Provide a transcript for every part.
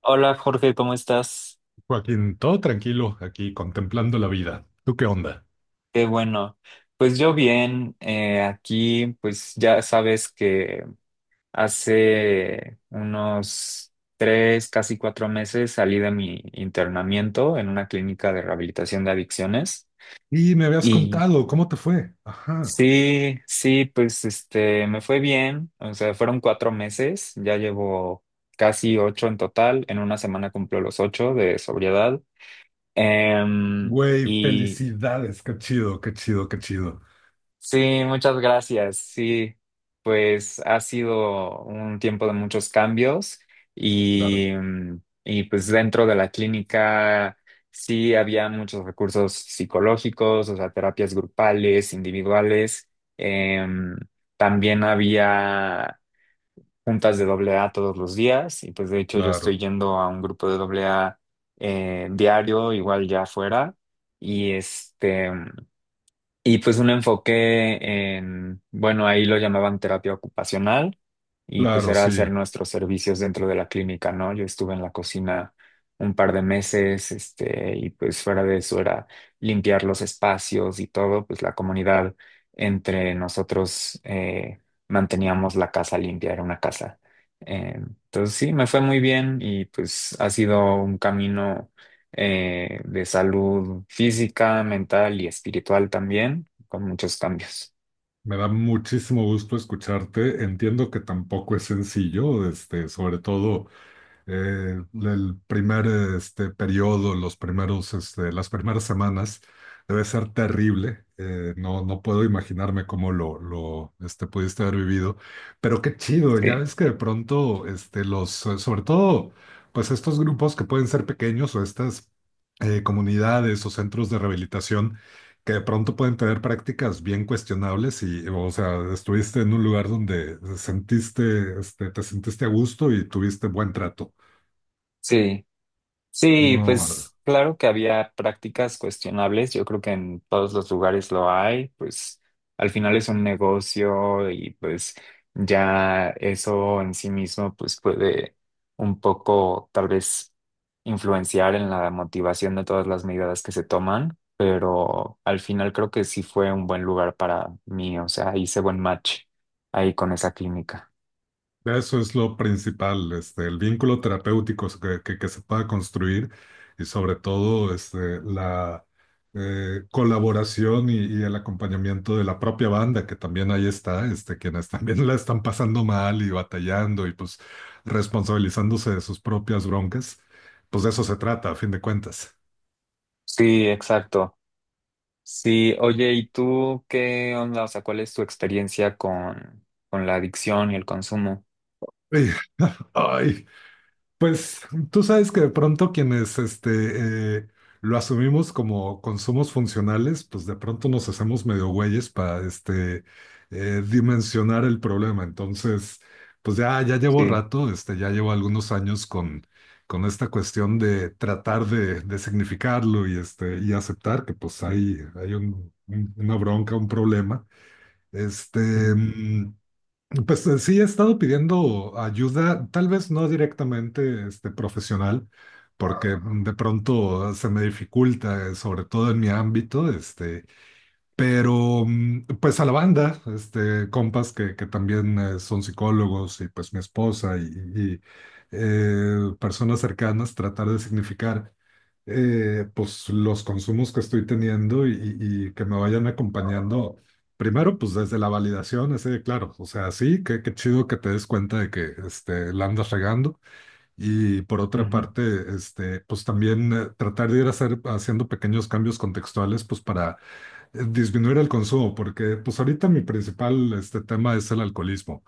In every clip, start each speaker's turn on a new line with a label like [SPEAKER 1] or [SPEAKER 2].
[SPEAKER 1] Hola Jorge, ¿cómo estás?
[SPEAKER 2] Joaquín, todo tranquilo aquí contemplando la vida. ¿Tú qué onda?
[SPEAKER 1] Qué bueno. Pues yo bien, aquí pues ya sabes que hace unos tres, casi cuatro meses salí de mi internamiento en una clínica de rehabilitación de adicciones
[SPEAKER 2] Y me habías
[SPEAKER 1] y
[SPEAKER 2] contado, ¿cómo te fue? Ajá.
[SPEAKER 1] sí, sí, pues me fue bien, o sea, fueron cuatro meses, ya llevo casi ocho en total, en una semana cumplo los ocho de sobriedad. Em,
[SPEAKER 2] Güey,
[SPEAKER 1] y
[SPEAKER 2] felicidades, qué chido, qué chido, qué chido.
[SPEAKER 1] Sí, muchas gracias. Sí, pues ha sido un tiempo de muchos cambios
[SPEAKER 2] Claro,
[SPEAKER 1] y pues dentro de la clínica sí había muchos recursos psicológicos, o sea, terapias grupales, individuales. Em, también había juntas de doble A todos los días y pues de hecho yo estoy
[SPEAKER 2] claro,
[SPEAKER 1] yendo a un grupo de doble A diario, igual ya afuera. Y este... Y pues un enfoque en, bueno, ahí lo llamaban terapia ocupacional y pues
[SPEAKER 2] claro,
[SPEAKER 1] era
[SPEAKER 2] sí.
[SPEAKER 1] hacer nuestros servicios dentro de la clínica, ¿no? Yo estuve en la cocina un par de meses, y pues fuera de eso era limpiar los espacios y todo, pues la comunidad entre nosotros manteníamos la casa limpia, era una casa. Entonces sí, me fue muy bien y pues ha sido un camino de salud física, mental y espiritual también, con muchos cambios.
[SPEAKER 2] Me da muchísimo gusto escucharte. Entiendo que tampoco es sencillo, sobre todo el primer periodo, los primeros, las primeras semanas, debe ser terrible. No, puedo imaginarme cómo lo pudiste haber vivido, pero qué chido, ya
[SPEAKER 1] Sí,
[SPEAKER 2] ves que de pronto, este, los, sobre todo, pues estos grupos que pueden ser pequeños o estas comunidades o centros de rehabilitación que de pronto pueden tener prácticas bien cuestionables y, o sea, estuviste en un lugar donde sentiste, este, te sentiste a gusto y tuviste buen trato.
[SPEAKER 1] sí. Sí,
[SPEAKER 2] No,
[SPEAKER 1] pues claro que había prácticas cuestionables, yo creo que en todos los lugares lo hay, pues al final es un negocio y pues ya eso en sí mismo pues puede un poco tal vez influenciar en la motivación de todas las medidas que se toman, pero al final creo que sí fue un buen lugar para mí, o sea, hice buen match ahí con esa clínica.
[SPEAKER 2] eso es lo principal, este, el vínculo terapéutico que se pueda construir y sobre todo este, la colaboración y el acompañamiento de la propia banda, que también ahí está, este, quienes también la están pasando mal y batallando y pues responsabilizándose de sus propias broncas, pues de eso se trata, a fin de cuentas.
[SPEAKER 1] Sí, exacto. Sí, oye, ¿y tú qué onda? O sea, ¿cuál es tu experiencia con la adicción y el consumo?
[SPEAKER 2] Ay, ay. Pues tú sabes que de pronto quienes este, lo asumimos como consumos funcionales, pues de pronto nos hacemos medio güeyes para este, dimensionar el problema. Entonces, pues ya llevo
[SPEAKER 1] Sí.
[SPEAKER 2] rato, este, ya llevo algunos años con esta cuestión de tratar de significarlo y, este, y aceptar que pues hay una bronca, un problema. Este,
[SPEAKER 1] Mm,
[SPEAKER 2] mm, pues sí, he estado pidiendo ayuda, tal vez no directamente este, profesional, porque de pronto se me dificulta, sobre todo en mi ámbito, este, pero pues a la banda, este, compas que también son psicólogos y pues mi esposa y personas cercanas, tratar de significar pues los consumos que estoy teniendo y que me vayan acompañando. Primero, pues desde la validación, así de claro, o sea, sí, qué, qué chido que te des cuenta de que este, la andas regando. Y por otra
[SPEAKER 1] ujú,
[SPEAKER 2] parte, este, pues también tratar de haciendo pequeños cambios contextuales, pues para disminuir el consumo, porque pues ahorita mi principal este tema es el alcoholismo.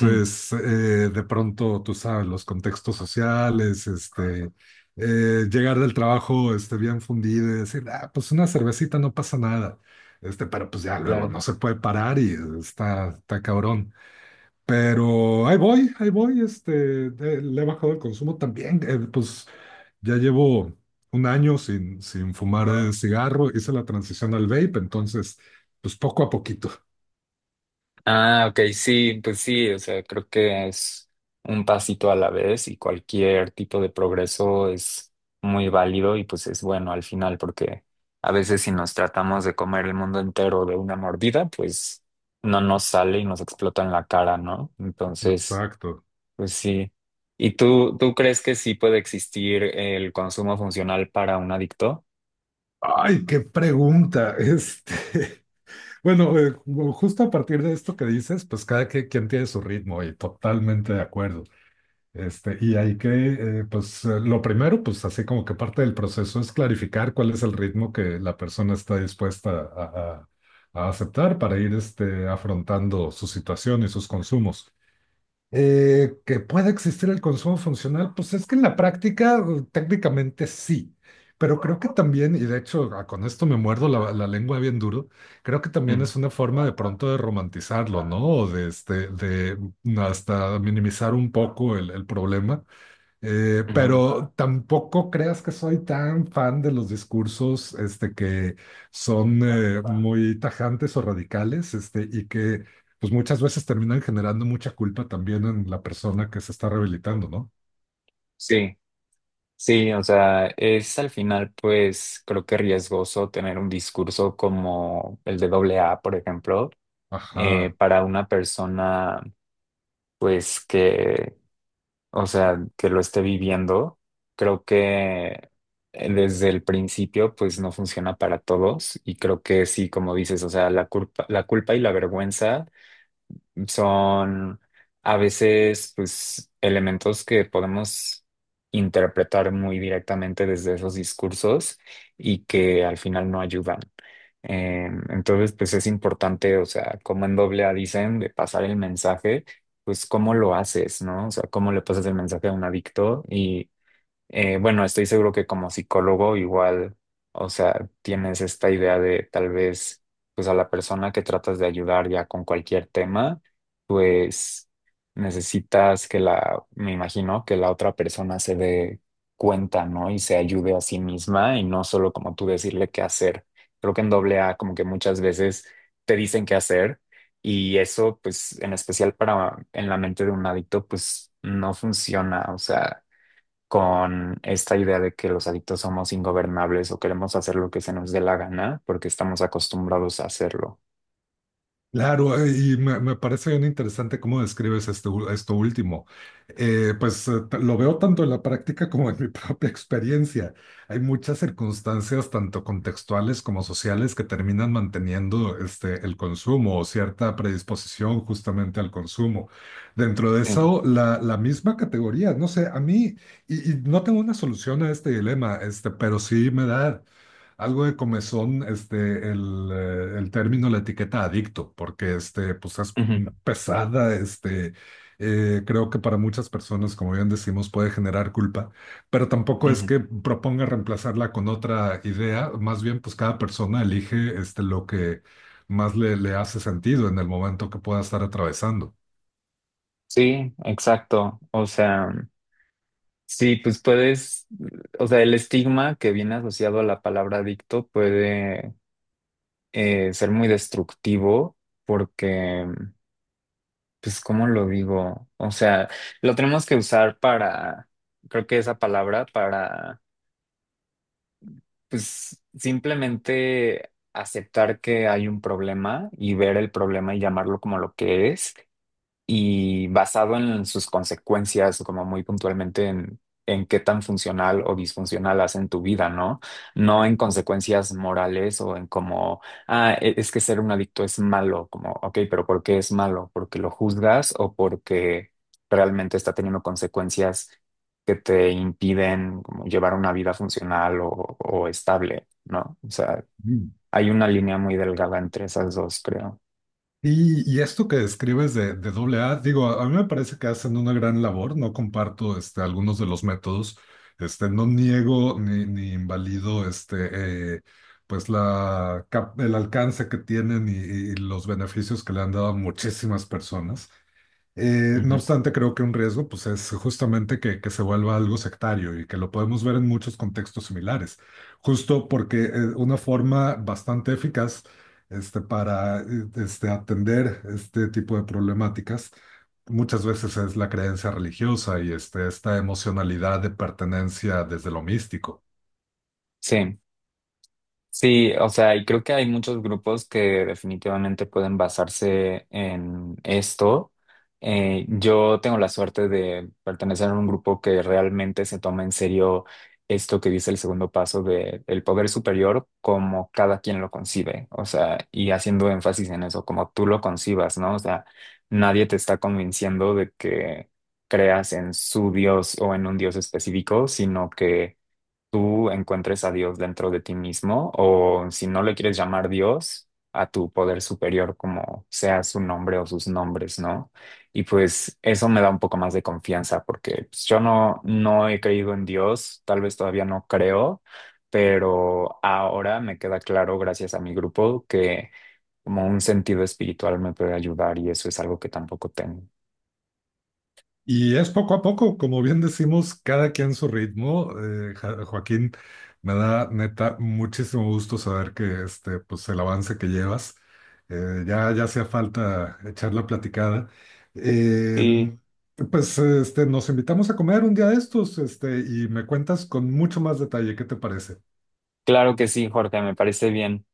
[SPEAKER 1] mm,
[SPEAKER 2] de pronto, tú sabes, los contextos sociales, este, llegar del trabajo este, bien fundido y decir, ah, pues una cervecita no pasa nada. Este, pero pues ya luego
[SPEAKER 1] claro.
[SPEAKER 2] no se puede parar y está, está cabrón. Pero ahí voy, este, le he bajado el consumo también. Pues ya llevo un año sin, sin fumar cigarro, hice la transición al vape, entonces, pues poco a poquito.
[SPEAKER 1] Ah, ok, sí, pues sí, o sea, creo que es un pasito a la vez y cualquier tipo de progreso es muy válido y pues es bueno al final porque a veces si nos tratamos de comer el mundo entero de una mordida, pues no nos sale y nos explota en la cara, ¿no? Entonces...
[SPEAKER 2] Exacto.
[SPEAKER 1] Pues sí. ¿Y tú crees que sí puede existir el consumo funcional para un adicto?
[SPEAKER 2] Ay, qué pregunta. Este, bueno, justo a partir de esto que dices, pues quien tiene su ritmo y totalmente de acuerdo. Este, y hay que, pues lo primero, pues así como que parte del proceso es clarificar cuál es el ritmo que la persona está dispuesta a aceptar para ir este, afrontando su situación y sus consumos. Que pueda existir el consumo funcional, pues es que en la práctica técnicamente sí, pero creo que también, y de hecho con esto me muerdo la, la lengua bien duro, creo que también
[SPEAKER 1] Mm,
[SPEAKER 2] es una forma de pronto de romantizarlo, ¿no? O de hasta minimizar un poco el problema,
[SPEAKER 1] ujú.
[SPEAKER 2] pero tampoco creas que soy tan fan de los discursos este, que son muy tajantes o radicales este, y que pues muchas veces terminan generando mucha culpa también en la persona que se está rehabilitando, ¿no?
[SPEAKER 1] Sí, sí, o sea, es al final, pues creo que riesgoso tener un discurso como el de doble A, por ejemplo,
[SPEAKER 2] Ajá.
[SPEAKER 1] para una persona, pues que, o sea, que lo esté viviendo. Creo que desde el principio, pues no funciona para todos y creo que sí, como dices, o sea, la culpa y la vergüenza son a veces pues elementos que podemos interpretar muy directamente desde esos discursos y que al final no ayudan. Entonces pues es importante, o sea, como en doble A dicen, de pasar el mensaje, pues cómo lo haces, ¿no? O sea, cómo le pasas el mensaje a un adicto y bueno, estoy seguro que como psicólogo igual, o sea, tienes esta idea de tal vez, pues a la persona que tratas de ayudar ya con cualquier tema, pues necesitas que la, me imagino, que la otra persona se dé cuenta, ¿no? Y se ayude a sí misma y no solo como tú decirle qué hacer. Creo que en doble A como que muchas veces te dicen qué hacer y eso, pues en especial para en la mente de un adicto, pues no funciona, o sea con esta idea de que los adictos somos ingobernables o queremos hacer lo que se nos dé la gana porque estamos acostumbrados a hacerlo.
[SPEAKER 2] Claro, y me parece bien interesante cómo describes esto último. Lo veo tanto en la práctica como en mi propia experiencia. Hay muchas circunstancias, tanto contextuales como sociales, que terminan manteniendo este, el consumo o cierta predisposición justamente al consumo. Dentro de
[SPEAKER 1] Sí.
[SPEAKER 2] eso, la misma categoría, no sé, a mí, y no tengo una solución a este dilema, este, pero sí me da... Algo de comezón, este, el término, la etiqueta adicto, porque este, pues es
[SPEAKER 1] Ujú,
[SPEAKER 2] pesada, este, creo que para muchas personas, como bien decimos, puede generar culpa, pero tampoco es
[SPEAKER 1] ujú.
[SPEAKER 2] que proponga reemplazarla con otra idea, más bien pues cada persona elige este, lo que más le, le hace sentido en el momento que pueda estar atravesando.
[SPEAKER 1] Sí, exacto. O sea, sí, pues puedes, o sea, el estigma que viene asociado a la palabra adicto puede ser muy destructivo porque, pues, ¿cómo lo digo? O sea, lo tenemos que usar para, creo que esa palabra para. Pues simplemente aceptar que hay un problema y ver el problema y llamarlo como lo que es y basado en sus consecuencias, como muy puntualmente en, qué tan funcional o disfuncional hacen tu vida, ¿no? No en consecuencias morales o en como, ah, es que ser un adicto es malo, como, ok, pero ¿por qué es malo? ¿Porque lo juzgas o porque realmente está teniendo consecuencias que te impiden como llevar una vida funcional o estable, ¿no? O sea, hay una línea muy delgada entre esas dos, creo.
[SPEAKER 2] Y esto que describes de doble A, digo, a mí me parece que hacen una gran labor, no comparto este, algunos de los métodos, este, no niego ni, ni invalido este, pues la, el alcance que tienen y los beneficios que le han dado a muchísimas personas, no
[SPEAKER 1] Ujú.
[SPEAKER 2] obstante, creo que un riesgo pues, es justamente que se vuelva algo sectario y que lo podemos ver en muchos contextos similares, justo porque una forma bastante eficaz este, para este, atender este tipo de problemáticas muchas veces es la creencia religiosa y este, esta emocionalidad de pertenencia desde lo místico.
[SPEAKER 1] Sí. Sí, o sea, y creo que hay muchos grupos que definitivamente pueden basarse en esto. Yo tengo la suerte de pertenecer a un grupo que realmente se toma en serio esto que dice el segundo paso de el poder superior como cada quien lo concibe, o sea, y haciendo énfasis en eso, como tú lo concibas, ¿no? O sea, nadie te está convenciendo de que creas en su Dios o en un Dios específico, sino que tú encuentres a Dios dentro de ti mismo o si no le quieres llamar Dios, a tu poder superior como sea su nombre o sus nombres, ¿no? Y pues eso me da un poco más de confianza porque pues, yo no, no he creído en Dios, tal vez todavía no creo, pero ahora me queda claro gracias a mi grupo que como un sentido espiritual me puede ayudar y eso es algo que tampoco tengo.
[SPEAKER 2] Y es poco a poco, como bien decimos, cada quien su ritmo. Joaquín, me da neta muchísimo gusto saber que este, pues el avance que llevas, ya hacía falta echar la platicada. Eh,
[SPEAKER 1] Sí.
[SPEAKER 2] pues este, nos invitamos a comer un día de estos, este, y me cuentas con mucho más detalle, ¿qué te parece?
[SPEAKER 1] Claro que sí, Jorge, me parece bien.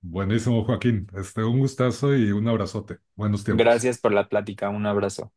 [SPEAKER 2] Buenísimo, Joaquín. Este, un gustazo y un abrazote. Buenos tiempos.
[SPEAKER 1] Gracias por la plática, un abrazo.